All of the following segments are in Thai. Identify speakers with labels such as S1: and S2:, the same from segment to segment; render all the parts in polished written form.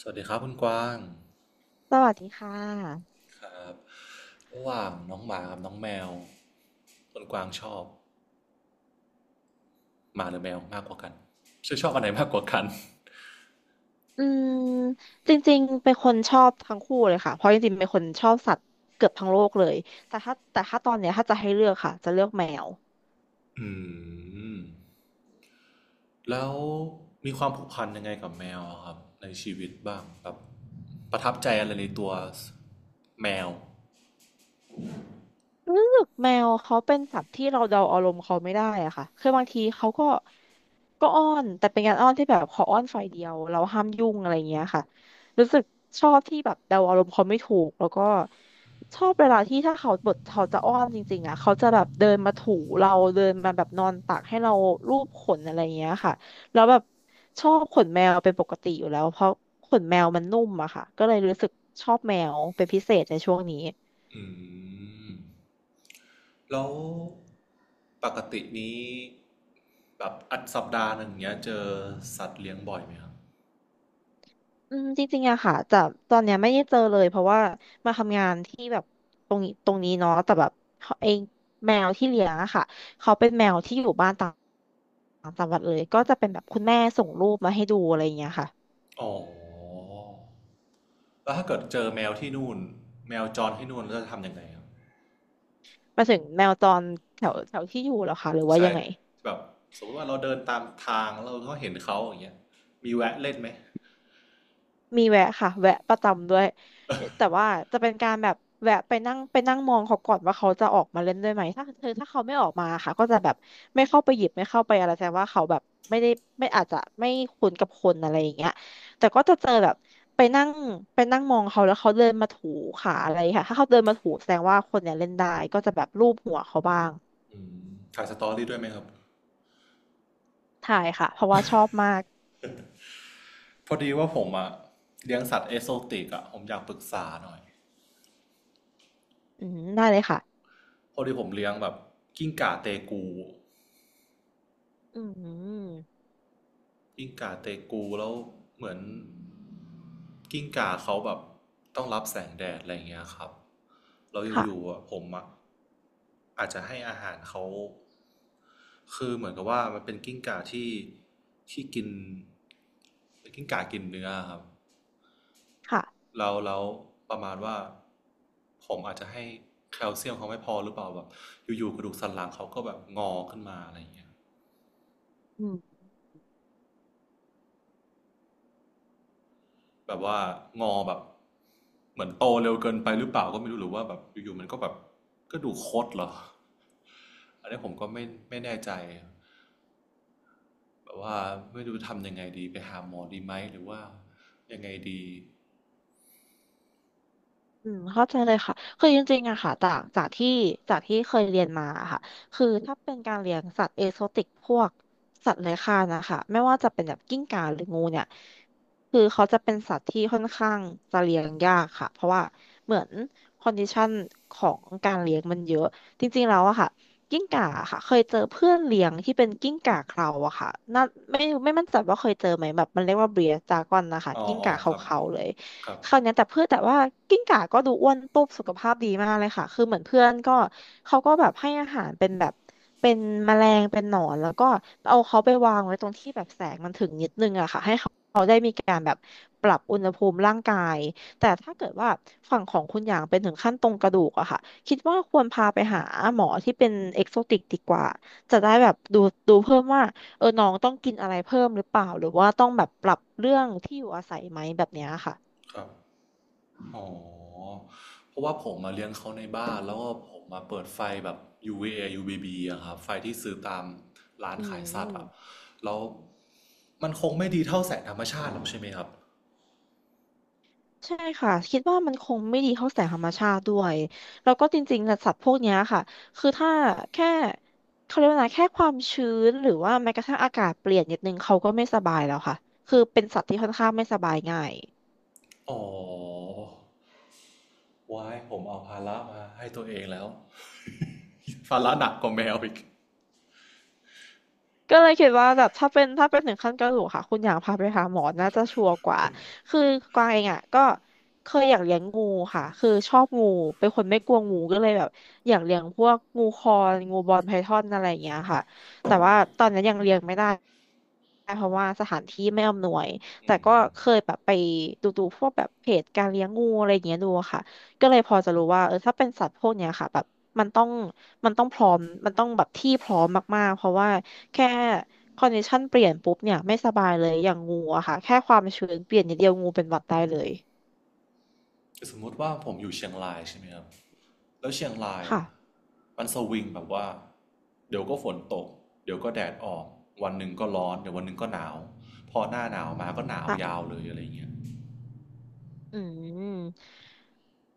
S1: สวัสดีครับคุณกวาง
S2: สวัสดีค่ะ
S1: ครับระหว่างน้องหมากับน้องแมวคุณกวางชอบหมาหรือแมวมากกว่ากันชื่อชอบอันไหนมากกว่ากัน
S2: อืมจริงๆเป็นคนชอบทั้งคู่เลยค่ะ เพราะจริงๆเป็นคนชอบสัตว์เกือบทั้งโลกเลยแต่ถ้าตอนเนี้ยถ้าจะให้เลือกค่ะจะเลือกแมว
S1: อืมแล้วมีความผูกพันยังไงกับแมวอะครับในชีวิตบ้างแบบประทับใจอะไรในตัวแมว
S2: รู้สึกแมวเขาเป็นสัตว์ที่เราเดาอารมณ์เขาไม่ได้อะค่ะคือบางทีเขาก็ อ้อนแต่เป็นการอ้อนที่แบบขออ้อนฝ่ายเดียวเราห้ามยุ่งอะไรเงี้ยค่ะรู้สึกชอบที่แบบเดาอารมณ์เขาไม่ถูกแล้วก็ชอบเวลาที่ถ้าเขาบทเขาจะอ้อนจริงๆอ่ะเขาจะแบบเดินมาถูเราเดินมาแบบนอนตักให้เราลูบขนอะไรยเงี้ยค่ะแล้วแบบชอบขนแมวเป็นปกติอยู่แล้วเพราะขนแมวมันนุ่มอะค่ะก็เลยรู้สึกชอบแมวเป็นพิเศษในช่วงนี้
S1: อืมแล้วปกตินี้แบบอัดสัปดาห์หนึ่งเนี้ยเจอสัตว์เลี้ยงบ่อยไหมครับ
S2: จริงๆอะค่ะจะตอนเนี้ยไม่ได้เจอเลยเพราะว่ามาทำงานที่แบบตรงนี้เนาะแต่แบบเขาไอแมวที่เลี้ยงอะค่ะเขาเป็นแมวที่อยู่บ้านต่างต่างจังหวัดเลย ก็จะเป็นแบบคุณแม่ส่งรูปมาให้ดูอะไรอย่างเงี้ยค่ะ
S1: อ๋อ แล้วถ้าเกิดเจอแมวที่นู่นแมวจรที่นู่นเราจะทำยังไงครับ
S2: หมายถึงแมวจรแถวแถวที่อยู่เหรอคะหรือว่า
S1: ใช่
S2: ยังไง
S1: แบบสมมติว่าเราเดินตามทางเราก็เห็นเขาอย่างเงี้ยมีแวะเล่นไหม
S2: มีแวะค่ะแวะประจำด้วยแต่ว่าจะเป็นการแบบแวะไปนั่งไปนั่งมองเขาก่อนว่าเขาจะออกมาเล่นด้วยไหมถ้าเขาไม่ออกมาค่ะก็จะแบบไม่เข้าไปหยิบไม่เข้าไปอะไรแสดงว่าเขาแบบไม่ได้ไม่อาจจะไม่คุ้นกับคนอะไรอย่างเงี้ยแต่ก็จะเจอแบบไปนั่งไปนั่งมองเขาแล้วเขาเดินมาถูขาอะไรค่ะถ้าเขาเดินมาถูแสดงว่าคนเนี่ยเล่นได้ก็จะแบบลูบหัวเขาบ้าง
S1: ถ่ายสตอรี่ด้วยไหมครับ
S2: ใช่ค่ะเพราะว่าชอบมาก
S1: พอดีว่าผมอะเลี้ยงสัตว์เอโซติกอะผมอยากปรึกษาหน่อย
S2: อืมได้เลยค่ะ
S1: พอดีผมเลี้ยงแบบกิ้งก่าเตกู
S2: อืม
S1: กิ้งก่าเตกูแล้วเหมือนกิ้งก่าเขาแบบต้องรับแสงแดดอะไรเงี้ยครับเราอยู่
S2: ค่ะ
S1: ๆผมอะอาจจะให้อาหารเขา คือเหมือนกับว่ามันเป็นกิ้งก่าที่กินเป็นกิ้งก่ากินเนื้อครับ
S2: ค่ะ
S1: แล้วแล้ประมาณว่าผมอาจจะให้แคลเซียมเขาไม่พอหรือเปล่าแบบอยู่ๆกระดูกสันหลังเขาก็แบบงอขึ้นมาอะไรอย่างเงี้ย
S2: อืม
S1: แบบว่างอแบบเหมือนโตเร็วเกินไปหรือเปล่าก็ไม่รู้หรือว่าแบบอยู่ๆมันก็แบบกระดูกคดเหรออันนี้ผมก็ไม่แน่ใจแบบว่าไม่รู้ทำยังไงดีไปหาหมอดีไหมหรือว่ายังไงดี
S2: อืมเข้าใจเลยค่ะคือจริงๆอะค่ะจากที่จากที่เคยเรียนมาอะค่ะคือถ้าเป็นการเลี้ยงสัตว์เอโซติกพวกสัตว์เลื้อยคลานนะคะไม่ว่าจะเป็นแบบกิ้งก่าหรืองูเนี่ยคือเขาจะเป็นสัตว์ที่ค่อนข้างจะเลี้ยงยากค่ะเพราะว่าเหมือนคอนดิชันของการเลี้ยงมันเยอะจริงๆแล้วอะค่ะกิ้งก่าอะค่ะเคยเจอเพื่อนเลี้ยงที่เป็นกิ้งก่าเคราอะค่ะน่าไม่ไม่มั่นใจว่าเคยเจอไหมแบบมันเรียกว่าเบรียดดากอนนะคะ
S1: อ๋อ
S2: กิ้ง
S1: อ๋อ
S2: ก่าเค
S1: ครับ
S2: ราๆเลย
S1: ครับ
S2: คราวเนี้ยแต่เพื่อนแต่ว่ากิ้งก่าก็ดูอ้วนตุ๊บสุขภาพดีมากเลยค่ะคือเหมือนเพื่อนก็เขาก็แบบให้อาหารเป็นแบบเป็นแมลงเป็นหนอนแล้วก็เอาเขาไปวางไว้ตรงที่แบบแสงมันถึงนิดนึงอะค่ะให้เขาได้มีการแบบปรับอุณหภูมิร่างกายแต่ถ้าเกิดว่าฝั่งของคุณอย่างเป็นถึงขั้นตรงกระดูกอะค่ะคิดว่าควรพาไปหาหมอที่เป็นเอกโซติกดีกว่าจะได้แบบดูเพิ่มว่าเออน้องต้องกินอะไรเพิ่มหรือเปล่าหรือว่าต้องแบบปรับเรื่องที่อยู่อาศัยไหมแบบเนี้ยค่ะ
S1: ครับ อ๋อ เพราะว่าผมมาเลี้ยงเขาในบ้านแล้วก็ผมมาเปิดไฟแบบ UVA UVB อยูวีบีอะครับไฟที่ซื้อตามร้าน
S2: อื
S1: ขายสัตว์อะ
S2: ม
S1: แล้วมันคงไม่ดีเท่าแสงธรรมชาติหรอกใช่ไหมครับ
S2: ใช่ค่ะคิดว่ามันคงไม่ดีเท่าแสงธรรมชาติด้วยแล้วก็จริงๆนะสัตว์พวกเนี้ยค่ะคือถ้าแค่เขาเรียกว่าไงแค่ความชื้นหรือว่าแม้กระทั่งอากาศเปลี่ยนนิดนึงเขาก็ไม่สบายแล้วค่ะคือเป็นสัตว์ที่ค่อนข้างไม่สบายง่าย
S1: อ๋อ ว้ายผมเอาภาระมาให้ตัวเองแล้วภาระหนักกว่าแมวอีก
S2: ก็เลยคิดว่าแบบถ้าเป็นถึงขั้นกระดูกค่ะคุณอยากพาไปหาหมอน่าจะชัวร์กว่าคือกวางเองอ่ะก็เคยอยากเลี้ยงงูค่ะคือชอบงูเป็นคนไม่กลัวงูก็เลยแบบอยากเลี้ยงพวกงูคอนงูบอลไพทอนอะไรอย่างเงี้ยค่ะแต่ว่าตอนนี้นยังเลี้ยงไม่ได้เพราะว่าสถานที่ไม่อำนวยแต่ก็เคยแบบไปดูพวกแบบเพจการเลี้ยงงูอะไรอย่างเงี้ยดูอะค่ะก็เลยพอจะรู้ว่าเออถ้าเป็นสัตว์พวกเนี้ยค่ะแบบมันต้องมันต้องพร้อมมันต้องแบบที่พร้อมมากๆเพราะว่า แค่คอนดิชันเปลี่ยนปุ๊บเนี่ยไม่สบายเลยอย่างงูอะค่ะแค่ความชื้นเปลี่ยนนิดเดียวงูเป็นหวัดได้เลย
S1: สมมติว่าผมอยู่เชียงรายใช่ไหมครับ แล้วเชียงราย
S2: ค่ะ
S1: อ่ะมันสวิงแบบว่าเดี๋ยวก็ฝนตกเดี๋ยวก็แดดออกวันหนึ่งก็ร้อนเดี๋ยววันหนึ่งก็หนาวพอหน้าหนาวมาก็หนาว
S2: อ่ะ
S1: ยาวเลยอะไรเงี้ย
S2: อืม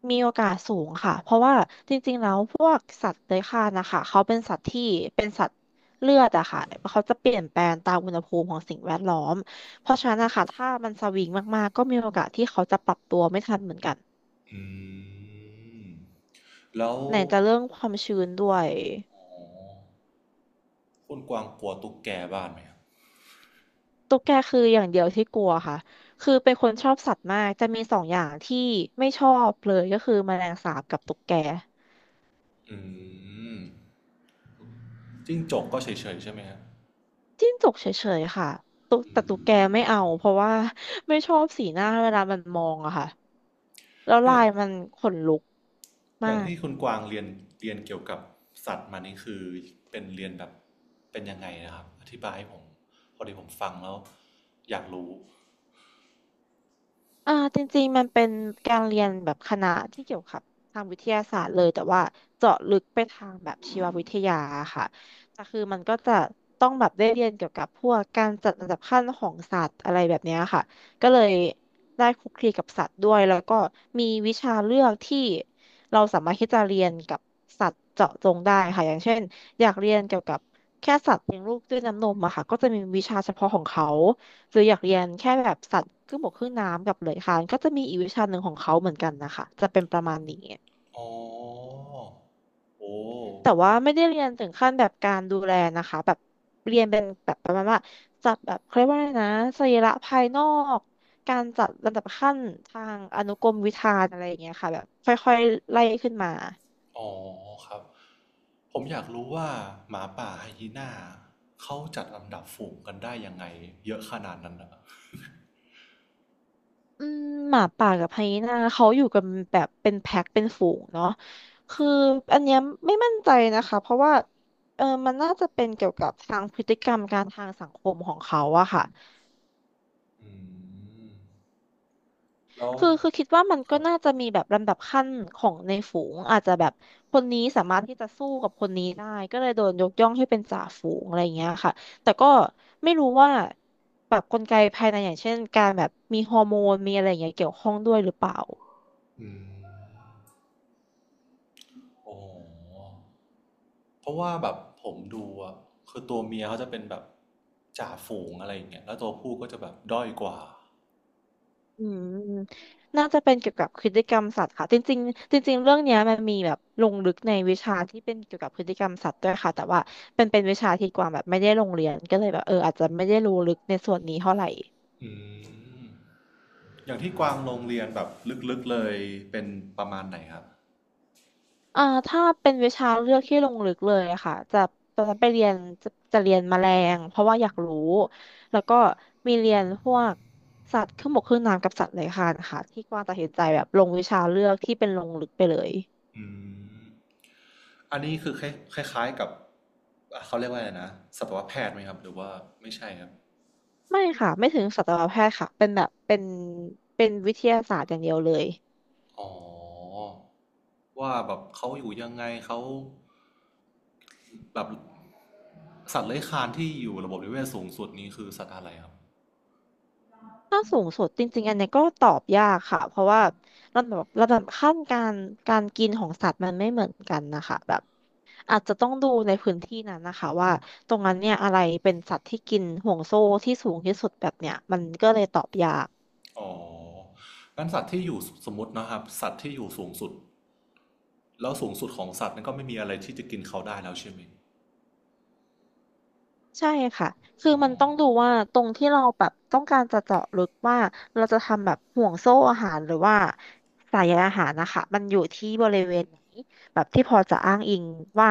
S2: มีโอกาสสูงค่ะเพราะว่าจริงๆแล้วพวกสัตว์เลื้อยคลานนะคะเขาเป็นสัตว์ที่เป็นสัตว์เลือดอะค่ะเขาจะเปลี่ยนแปลงตามอุณหภูมิของสิ่งแวดล้อมเพราะฉะนั้นนะคะถ้ามันสวิงมากๆก็มีโอกาสที่เขาจะปรับตัวไม่ทันเหมือนกัน
S1: อืมแล้ว
S2: ไหนจะเรื่องความชื้นด้วย
S1: คุณกวางกลัวตุ๊กแกบ้านไหมครับ
S2: ตุ๊กแกคืออย่างเดียวที่กลัวค่ะ คือเป็นคนชอบสัตว์มากจะมีสองอย่างที่ไม่ชอบเลยก็คือแมลงสาบกับตุ๊กแก
S1: อืมจิ้งจกก็เฉยๆใช่ไหมฮะ
S2: จิ้งจกเฉยๆค่ะตุ๊กแกไม่เอาเพราะว่าไม่ชอบสีหน้าเวลามันมองอะค่ะ แล้วลา
S1: เอ๊ะ
S2: ยมันขนลุก
S1: อ
S2: มา
S1: ย่าง
S2: ก
S1: ที่คุณกวางเรียนเรียนเกี่ยวกับสัตว์มานี่คือเป็นเรียนแบบเป็นยังไงนะครับอธิบายให้ผมพอดีผมฟังแล้วอยากรู้
S2: จริงๆมันเป็นการเรียนแบบคณะที่เกี่ยวกับทางวิทยาศาสตร์เลยแต่ว่าเจาะลึกไปทางแบบชีววิทยาค่ะแต่คือมันก็จะต้องแบบได้เรียนเกี่ยวกับพวกการจัดอันดับขั้นของสัตว์อะไรแบบเนี้ยค่ะก็เลยได้คลุกคลีกับสัตว์ด้วยแล้วก็มีวิชาเลือกที่เราสามารถที่จะเรียนกับสัตว์เจาะจงได้ค่ะอย่างเช่นอยากเรียนเกี่ยวกับแค่สัตว์เลี้ยงลูกด้วยน้ำนมอะค่ะก็จะมีวิชาเฉพาะของเขา หรืออยากเรียนแค่แบบสัตว์ครึ่งบกครึ่งน้ำกับเลื้อยคลานก็จะมีอีกวิชาหนึ่งของเขาเหมือนกันนะคะจะเป็นประมาณนี้
S1: อ๋อ โอ้
S2: แต่ว่าไม่ได้เรียนถึงขั้นแบบการดูแลนะคะแบบเรียนเป็นแบบประมาณว่าจัดแบบเขาเรียกว่าอะไรนะสรีระภายนอกการจัดลำดับขั้นทางอนุกรมวิธานอะไรอย่างเงี้ยค่ะแบบค่อยๆไล่ขึ้นมา
S1: อ๋อครับ ผมอยากรู้ว่าหมาป่าไฮยีน่าเขาจัดลำดับฝูงกันได้ยังไงเยอะขนาดนั้นนะ
S2: อืมหมาป่ากับไฮยีน่าเขาอยู่กันแบบเป็นแพ็คเป็นฝูงเนาะคืออันเนี้ยไม่มั่นใจนะคะเพราะว่ามันน่าจะเป็นเกี่ยวกับทางพฤติกรรมการทางสังคมของเขาอะค่ะ
S1: อืมแล้ว
S2: คือคิดว่ามัน
S1: ค
S2: ก็
S1: รับ
S2: น่าจะมีแบบลำดับขั้นของในฝูงอาจจะแบบคนนี้สามารถที่จะสู้กับคนนี้ได้ก็เลยโดนยกย่องให้เป็นจ่าฝูงอะไรอย่างเงี้ยค่ะแต่ก็ไม่รู้ว่าแบบกลไกภายในอย่างเช่นการแบบมีฮอร์โมนมีอะไรอย่างเงี้ยเกี่ยวข้องด้วยหรือเปล่า
S1: อืมโอ้เพราะว่าแบบผมดูอะคือตัวเมียเขาจะเป็นแบบจ่าฝูงอะไรอย่างเงี้ยแล้วตัวผู้ก็จะแบบด้อยกว่า
S2: อืมน่าจะเป็นเกี่ยวกับพฤติกรรมสัตว์ค่ะจริงๆจริงๆเรื่องเนี้ยมันมีแบบลงลึกในวิชาที่เป็นเกี่ยวกับพฤติกรรมสัตว์ด้วยค่ะแต่ว่าเป็นวิชาที่กวางแบบไม่ได้ลงเรียนก็เลยแบบอาจจะไม่ได้รู้ลึกในส่วนนี้เท่าไหร่
S1: อืมอย่างที่กวางโรงเรียนแบบลึกๆเลยเป็นประมาณไหนครับ
S2: อ่าถ้าเป็นวิชาเลือกที่ลงลึกเลยอะค่ะจะตอนนั้นไปเรียนจะเรียนแมลงเพราะว่าอยากรู้แล้วก็มีเรียนพวกสัตว์ครึ่งบกครึ่งน้ำกับสัตว์เลื้อยคลานค่ะที่กวางตัดสินใจแบบลงวิชาเลือกที่เป็นลงลึกไปเลย
S1: อืม อันนี้คือคล้ายๆกับ่เขาเรียกว่าอะไรนะสัตวแพทย์ไหมครับหรือว่าไม่ใช่ครับ
S2: ไม่ค่ะไม่ถึงสัตวแพทย์ค่ะเป็นแบบเป็นเป็นวิทยาศาสตร์อย่างเดียวเลย
S1: อ๋อว่าแบบเขาอยู่ยังไงเขาแบบสัตว์เลื้อยคลานที่อยู่ระบบนิเวศสูงสุดนี้คือสัตว์อะไรครับ
S2: ถ้าสูงสุดจริงๆอันเนี้ยก็ตอบยากค่ะเพราะว่าระดับขั้นการการกินของสัตว์มันไม่เหมือนกันนะคะแบบอาจจะต้องดูในพื้นที่นั้นนะคะว่าตรงนั้นเนี่ยอะไรเป็นสัตว์ที่กินห่วงโซ่ที่สูงที่สุดแบบเนี้ยมันก็เลยตอบยาก
S1: อ๋องั้นสัตว์ที่อยู่สมมตินะครับสัตว์ที่อยู่สูงสุดแล้วสูงสุดของสัตว์นั้นก็ไม่มีอะไรที่จะกินเขาได้แล้วใช่ไหม
S2: ใช่ค่ะคือ
S1: อ๋อ
S2: มันต้องดูว่าตรงที่เราแบบต้องการจะเจาะลึกว่าเราจะทำแบบห่วงโซ่อาหารหรือว่าสายใยอาหารนะคะมันอยู่ที่บริเวณไหนแบบที่พอจะอ้างอิงว่า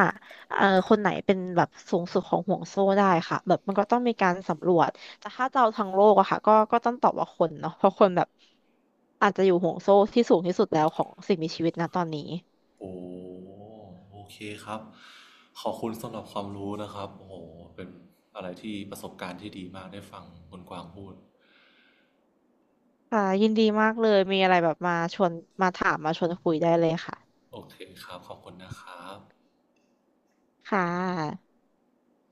S2: คนไหนเป็นแบบสูงสุดของห่วงโซ่ได้ค่ะแบบมันก็ต้องมีการสำรวจแต่ถ้าจะเอาทางโลกอะค่ะก็ต้องตอบว่าคนเนาะเพราะคนแบบอาจจะอยู่ห่วงโซ่ที่สูงที่สุดแล้วของสิ่งมีชีวิตนะตอนนี้
S1: โอ้โอเคครับ ขอบคุณสำหรับความรู้นะครับโอ้โหเป็นอะไรที่ประสบการณ์ที่ดีมากได้ฟังคุณกวางพูด
S2: ค่ะยินดีมากเลยมีอะไรแบบมาชวนมาถามมาชวนคุยได้เลยค่ะ
S1: โอเคครับขอบคุณนะครับ
S2: ค่ะ